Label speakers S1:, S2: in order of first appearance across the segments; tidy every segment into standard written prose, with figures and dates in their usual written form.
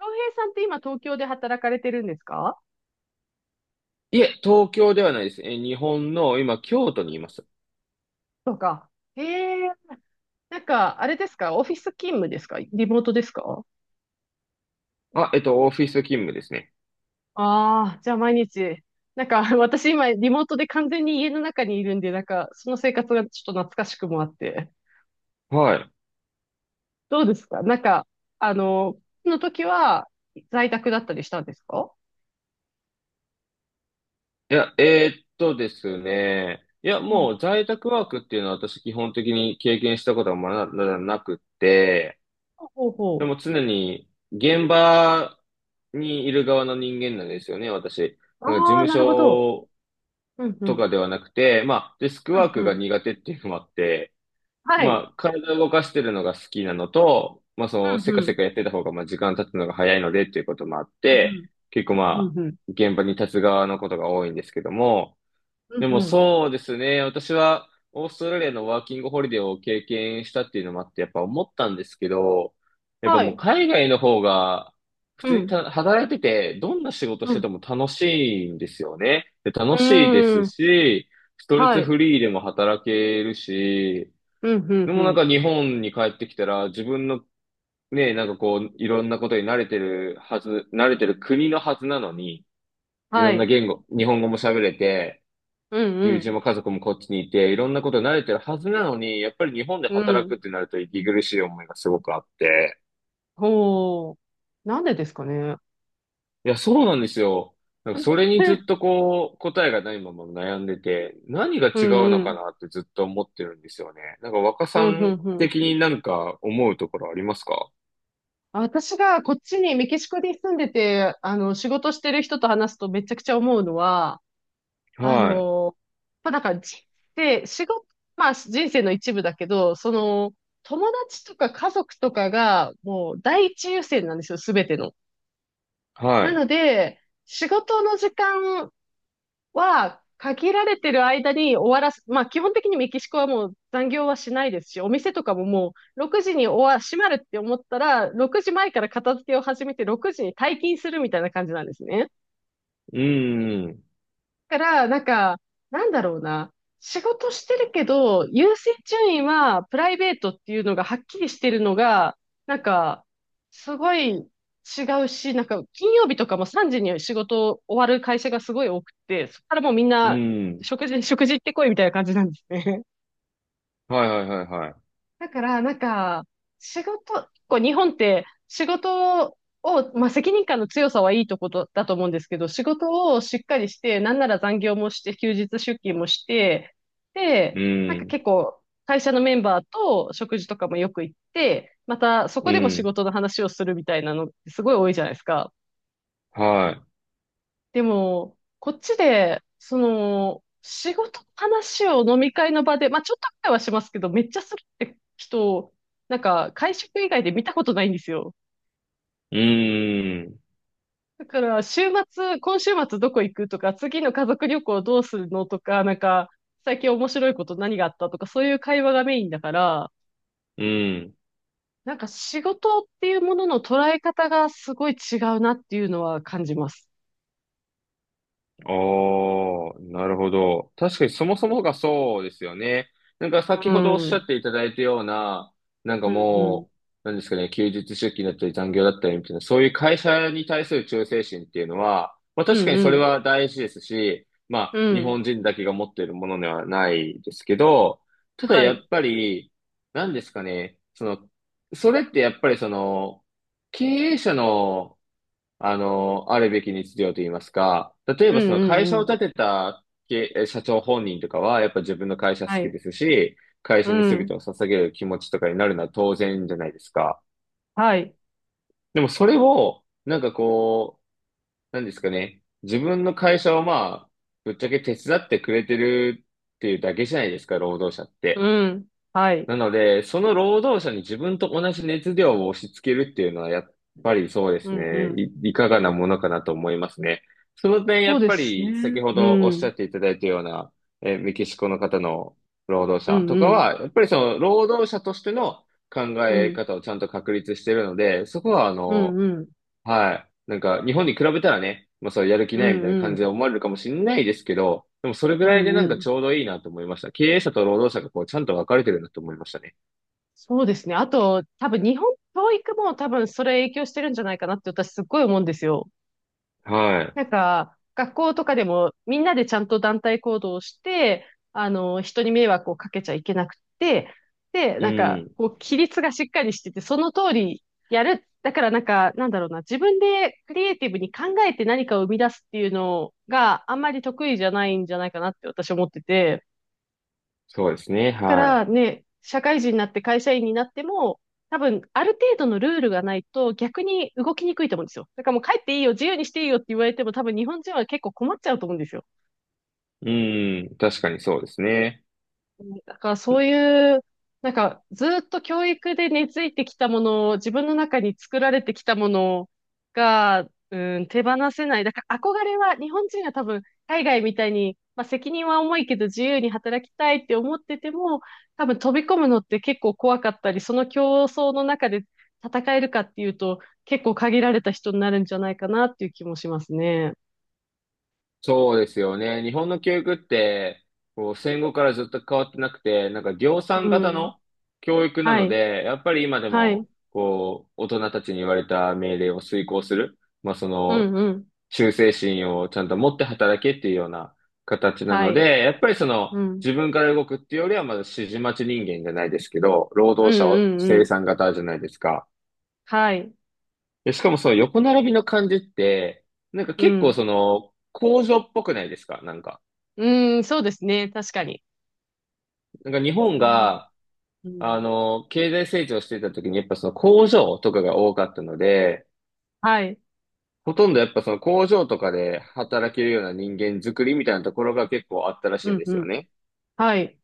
S1: 洋平さんって今東京で働かれてるんですか？
S2: いえ、東京ではないです。日本の、今、京都にいます。
S1: とか。へえ。なんか、あれですか？オフィス勤務ですか？リモートですか？
S2: オフィス勤務ですね。
S1: ああー、じゃあ毎日。なんか、私今リモートで完全に家の中にいるんで、なんか、その生活がちょっと懐かしくもあって。
S2: はい。
S1: どうですか？なんか、あの、の時は在宅だったりしたんですか？
S2: いや、ですね。いや、
S1: うん。
S2: もう在宅ワークっていうのは私基本的に経験したことはまだなくって、
S1: ほうほう
S2: で
S1: ほ
S2: も常に現場にいる側の人間なんですよね、私。
S1: う。
S2: なんか事
S1: ああ、
S2: 務
S1: なるほど。
S2: 所
S1: うんう
S2: と
S1: ん。
S2: かではなくて、デスク
S1: う
S2: ワー
S1: ん
S2: ク
S1: う
S2: が
S1: ん。
S2: 苦手っていうのもあって、
S1: はい。
S2: 体を動かしてるのが好きなのと、
S1: う
S2: せ
S1: ん
S2: か
S1: う
S2: せ
S1: ん。
S2: かやってた方が、時間経つのが早いので、っていうこともあっ
S1: う
S2: て、
S1: ん
S2: 結構
S1: うん。
S2: まあ、
S1: うんうん。
S2: 現場に立つ側のことが多いんですけども、
S1: うん
S2: でも
S1: うん。
S2: そうですね、私は、オーストラリアのワーキングホリデーを経験したっていうのもあって、やっぱ思ったんですけど、やっぱ
S1: は
S2: もう
S1: い。
S2: 海外の方が、普
S1: う
S2: 通に
S1: ん。
S2: 働いてて、どんな仕事
S1: う
S2: してて
S1: ん
S2: も楽しいんですよね。で
S1: う
S2: 楽しいです
S1: ーん。
S2: し、ストレ
S1: は
S2: ス
S1: い。
S2: フリーでも働けるし、
S1: うん、うん、
S2: で
S1: う
S2: もなん
S1: ん。
S2: か日本に帰ってきたら自分のね、なんかこういろんなことに慣れてる国のはずなのに、いろ
S1: は
S2: んな
S1: い。
S2: 言語、日本語も喋れて、
S1: うん、う
S2: 友人
S1: ん。
S2: も家族もこっちにいて、いろんなことに慣れてるはずなのに、やっぱり日本で
S1: う
S2: 働く
S1: ん。
S2: ってなると息苦しい思いがすごくあって。
S1: ほう。なんでですかね。
S2: いや、そうなんですよ。なんかそれ にず
S1: え。
S2: っとこう答えがないまま悩んでて、何が
S1: う
S2: 違う
S1: ん、
S2: の
S1: う
S2: か
S1: ん。
S2: なってずっと思ってるんですよね。なんか若
S1: う
S2: さ
S1: ん、う
S2: ん
S1: ん、うん。
S2: 的になんか思うところありますか？
S1: 私がこっちにメキシコに住んでて、あの、仕事してる人と話すとめちゃくちゃ思うのは、あ
S2: はい。
S1: の、まあ、なんか、じで、仕事、まあ、人生の一部だけど、その、友達とか家族とかが、もう、第一優先なんですよ、すべての。
S2: は
S1: な
S2: い。
S1: ので、仕事の時間は、限られてる間に終わらす。まあ、基本的にメキシコはもう残業はしないですし、お店とかももう6時に閉まるって思ったら、6時前から片付けを始めて6時に退勤するみたいな感じなんですね。
S2: うん、
S1: から、なんか、なんだろうな。仕事してるけど、優先順位はプライベートっていうのがはっきりしてるのが、なんか、すごい違うし、なんか、金曜日とかも3時に仕事終わる会社がすごい多くて、そこからもうみん
S2: う
S1: な、
S2: ん。
S1: 食事行ってこいみたいな感じなんですね。
S2: はいはいはいはい。
S1: だから、なんか、こう日本って仕事を、まあ、責任感の強さはいいとことだと思うんですけど、仕事をしっかりして、なんなら残業もして、休日出勤もして、
S2: う
S1: で、なんか
S2: ん、
S1: 結構、会社のメンバーと食事とかもよく行って、またそ
S2: う
S1: こでも仕
S2: ん。
S1: 事の話をするみたいなのってすごい多いじゃないですか。
S2: は
S1: でも、こっちで、その、仕事の話を飲み会の場で、まあちょっとくらいはしますけど、めっちゃするって人なんか、会食以外で見たことないんですよ。
S2: い。うん、
S1: だから、今週末どこ行くとか、次の家族旅行どうするのとか、なんか、最近面白いこと何があったとか、そういう会話がメインだから、
S2: うん。
S1: なんか仕事っていうものの捉え方がすごい違うなっていうのは感じます。
S2: ああ、なるほど。確かにそもそもがそうですよね。なんか
S1: う
S2: 先ほどおっ
S1: ん。う
S2: しゃ
S1: ん
S2: っていただいたような、なんか
S1: うん。
S2: もう、なんですかね、休日出勤だったり残業だったりみたいな、そういう会社に対する忠誠心っていうのは、まあ
S1: う
S2: 確か
S1: ん
S2: に
S1: う
S2: それ
S1: ん。
S2: は大事ですし、ま
S1: う
S2: あ日
S1: ん。
S2: 本人だけが持っているものではないですけど、ただ
S1: は
S2: やっ
S1: い。
S2: ぱり、なんですかね、その、それってやっぱりその、経営者の、あるべき日常と言いますか、例え
S1: う
S2: ばその会
S1: ん
S2: 社を
S1: うん
S2: 立てた社長本人とかは、やっぱ自分の会社好
S1: は
S2: き
S1: い。
S2: ですし、会社
S1: う
S2: に全て
S1: ん。
S2: を捧げる気持ちとかになるのは当然じゃないですか。
S1: はい。
S2: でもそれを、なんかこう、なんですかね、自分の会社をぶっちゃけ手伝ってくれてるっていうだけじゃないですか、労働者って。
S1: うん。はい。
S2: なので、その労働者に自分と同じ熱量を押し付けるっていうのは、やっぱりそうで
S1: う
S2: す
S1: ん、う
S2: ね。
S1: ん。
S2: いかがなものかなと思いますね。その点、や
S1: そう
S2: っ
S1: で
S2: ぱ
S1: すね。
S2: り先ほ
S1: う
S2: どおっしゃ
S1: ん。
S2: っていただいたような、メキシコの方の労働
S1: う
S2: 者
S1: ん、
S2: と
S1: う
S2: か
S1: ん。
S2: は、やっぱりその労働者としての考
S1: う
S2: え
S1: ん。
S2: 方をちゃんと確立しているので、そこは
S1: うん、うん。
S2: はい。なんか日本に比べたらね、まあそうやる気
S1: う
S2: ないみ
S1: ん、
S2: たいな
S1: う
S2: 感じで
S1: ん。
S2: 思われるかもしれないですけど、でもそれぐ
S1: う
S2: らい
S1: ん、
S2: でな
S1: う
S2: んかち
S1: ん。
S2: ょうどいいなと思いました。経営者と労働者がこうちゃんと分かれてるなと思いましたね。
S1: そうですね。あと、多分日本教育も多分それ影響してるんじゃないかなって私すっごい思うんですよ。
S2: は
S1: なんか、学校とかでもみんなでちゃんと団体行動をして、あの、人に迷惑をかけちゃいけなくて、で、
S2: い。う
S1: なんか、
S2: ん。
S1: こう、規律がしっかりしてて、その通りやる。だからなんか、なんだろうな、自分でクリエイティブに考えて何かを生み出すっていうのがあんまり得意じゃないんじゃないかなって私は思ってて、
S2: そうですね。
S1: か
S2: は
S1: らね、社会人になって会社員になっても、多分、ある程度のルールがないと逆に動きにくいと思うんですよ。だからもう帰っていいよ、自由にしていいよって言われても多分日本人は結構困っちゃうと思うんですよ。
S2: い。うん。確かにそうですね。
S1: だからそういう、なんかずっと教育で根付いてきたものを、自分の中に作られてきたものが、うん、手放せない。だから憧れは、日本人は多分海外みたいに、まあ、責任は重いけど自由に働きたいって思ってても、多分飛び込むのって結構怖かったり、その競争の中で戦えるかっていうと、結構限られた人になるんじゃないかなっていう気もしますね。
S2: そうですよね。日本の教育って、こう、戦後からずっと変わってなくて、なんか量
S1: う
S2: 産型
S1: ん。
S2: の教育な
S1: は
S2: の
S1: い。
S2: で、やっぱり今で
S1: はい。
S2: も、こう、大人たちに言われた命令を遂行する。
S1: うんうん。
S2: 忠誠心をちゃんと持って働けっていうような形な
S1: は
S2: の
S1: い。
S2: で、やっぱりその
S1: うん。
S2: 自分から動くっていうよりはまだ指示待ち人間じゃないですけど、労
S1: う
S2: 働
S1: ん
S2: 者を
S1: うんう
S2: 生
S1: ん。
S2: 産型じゃないですか。
S1: はい。
S2: しかもその横並びの感じって、なんか
S1: う
S2: 結構
S1: ん。
S2: その工場っぽくないですかなんか。
S1: うん、そうですね。確かに。
S2: なんか日
S1: そ
S2: 本
S1: れはある。
S2: が、
S1: うん。
S2: 経済成長してた時にやっぱその工場とかが多かったので、
S1: はい。
S2: ほとんどやっぱその工場とかで働けるような人間作りみたいなところが結構あったらし
S1: う
S2: いん
S1: ん、
S2: で
S1: う
S2: すよ
S1: ん。
S2: ね。
S1: はい。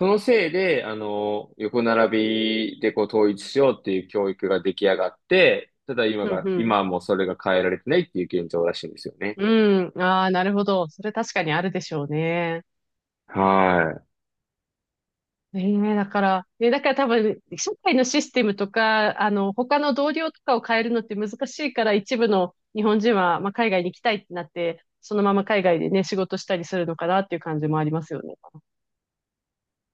S2: そのせいで、横並びでこう統一しようっていう教育が出来上がって、ただ今
S1: うん、
S2: が、
S1: うん。
S2: 今はもうそれが変えられてないっていう現状らしいんですよね。
S1: うん。ああ、なるほど。それ確かにあるでしょうね。
S2: はい。
S1: ええ、だから、だから多分、社会のシステムとか、あの、他の同僚とかを変えるのって難しいから、一部の日本人は、まあ、海外に行きたいってなって、そのまま海外でね、仕事したりするのかなっていう感じもありますよね。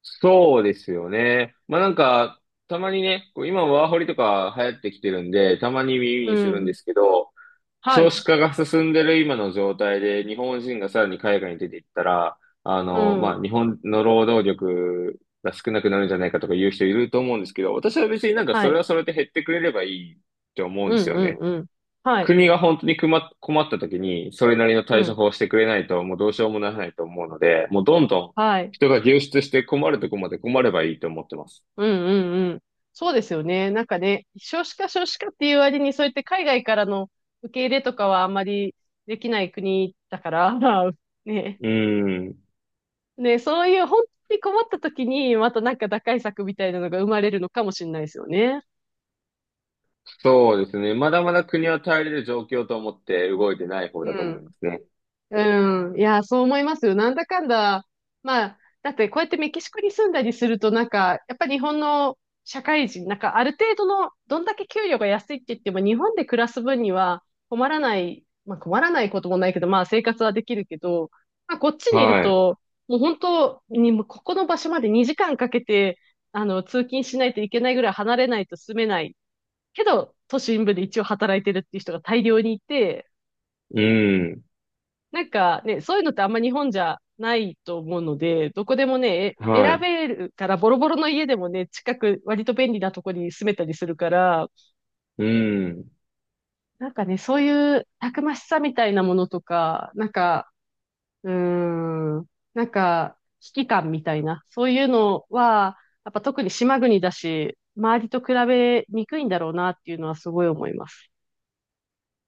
S2: そうですよね。たまにね、こう今ワーホリとか流行ってきてるんで、たまに耳
S1: う
S2: にするん
S1: ん。
S2: ですけど、
S1: は
S2: 少
S1: い。
S2: 子化が進んでる今の状態で、日本人がさらに海外に出ていったら、
S1: う
S2: まあ
S1: ん。
S2: 日本の労働力が少なくなるんじゃないかとか言う人いると思うんですけど、私は別になんか
S1: は
S2: それ
S1: い。
S2: はそれで減ってくれればいいって思うん
S1: う
S2: です
S1: ん、
S2: よ
S1: うん、
S2: ね。
S1: うん。はい。
S2: 国が本当に困った時に、それなりの
S1: う
S2: 対処
S1: ん。
S2: 法をしてくれないと、もうどうしようもならないと思うので、もうどんどん
S1: はい。
S2: 人が流出して困るとこまで困ればいいと思ってます。
S1: うんうんうん。そうですよね。なんかね、少子化少子化っていう割に、そうやって海外からの受け入れとかはあんまりできない国だから、ね。
S2: うーん。
S1: ね、そういう本当に困った時に、またなんか打開策みたいなのが生まれるのかもしれないですよね。
S2: そうですね。まだまだ国は耐えれる状況と思って動いてない方
S1: う
S2: だと思い
S1: ん。
S2: ますね。
S1: うん。いや、そう思いますよ。なんだかんだ。まあ、だってこうやってメキシコに住んだりすると、なんか、やっぱ日本の社会人、なんかある程度の、どんだけ給料が安いって言っても、日本で暮らす分には困らない、まあ困らないこともないけど、まあ生活はできるけど、まあこっちにいる
S2: はい。
S1: と、もう本当に、もうここの場所まで2時間かけて、あの、通勤しないといけないぐらい離れないと住めない。けど、都心部で一応働いてるっていう人が大量にいて、
S2: うん。
S1: なんかね、そういうのってあんま日本じゃないと思うので、どこでもね、
S2: は
S1: 選
S2: い。
S1: べるから、ボロボロの家でもね、近く、割と便利なとこに住めたりするから、
S2: うん。
S1: なんかね、そういうたくましさみたいなものとか、なんか、うーん、なんか、危機感みたいな、そういうのは、やっぱ特に島国だし、周りと比べにくいんだろうなっていうのはすごい思います。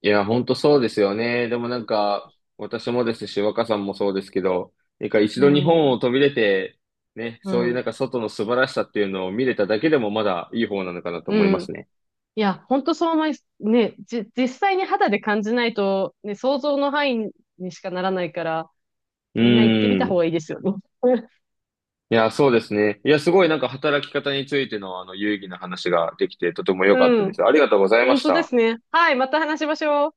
S2: いや、本当そうですよね。でもなんか、私もですし、若さんもそうですけど、なんか一
S1: う
S2: 度日本
S1: ん、
S2: を飛び出て、ね、
S1: う
S2: そういうなん
S1: ん、
S2: か外の素晴らしさっていうのを見れただけでもまだいい方なのかなと
S1: う
S2: 思います
S1: ん。
S2: ね。
S1: いや、本当そう思い、ね、実際に肌で感じないと、ね、想像の範囲にしかならないから、
S2: う
S1: みんな行ってみ
S2: ー
S1: た方
S2: ん。
S1: がいいですよね。
S2: いや、そうですね。いや、すごいなんか働き方についての有意義な話ができてとても良かっ
S1: う
S2: たで
S1: ん。
S2: す。ありがとうございま
S1: 本
S2: し
S1: 当で
S2: た。
S1: すね。はい、また話しましょう。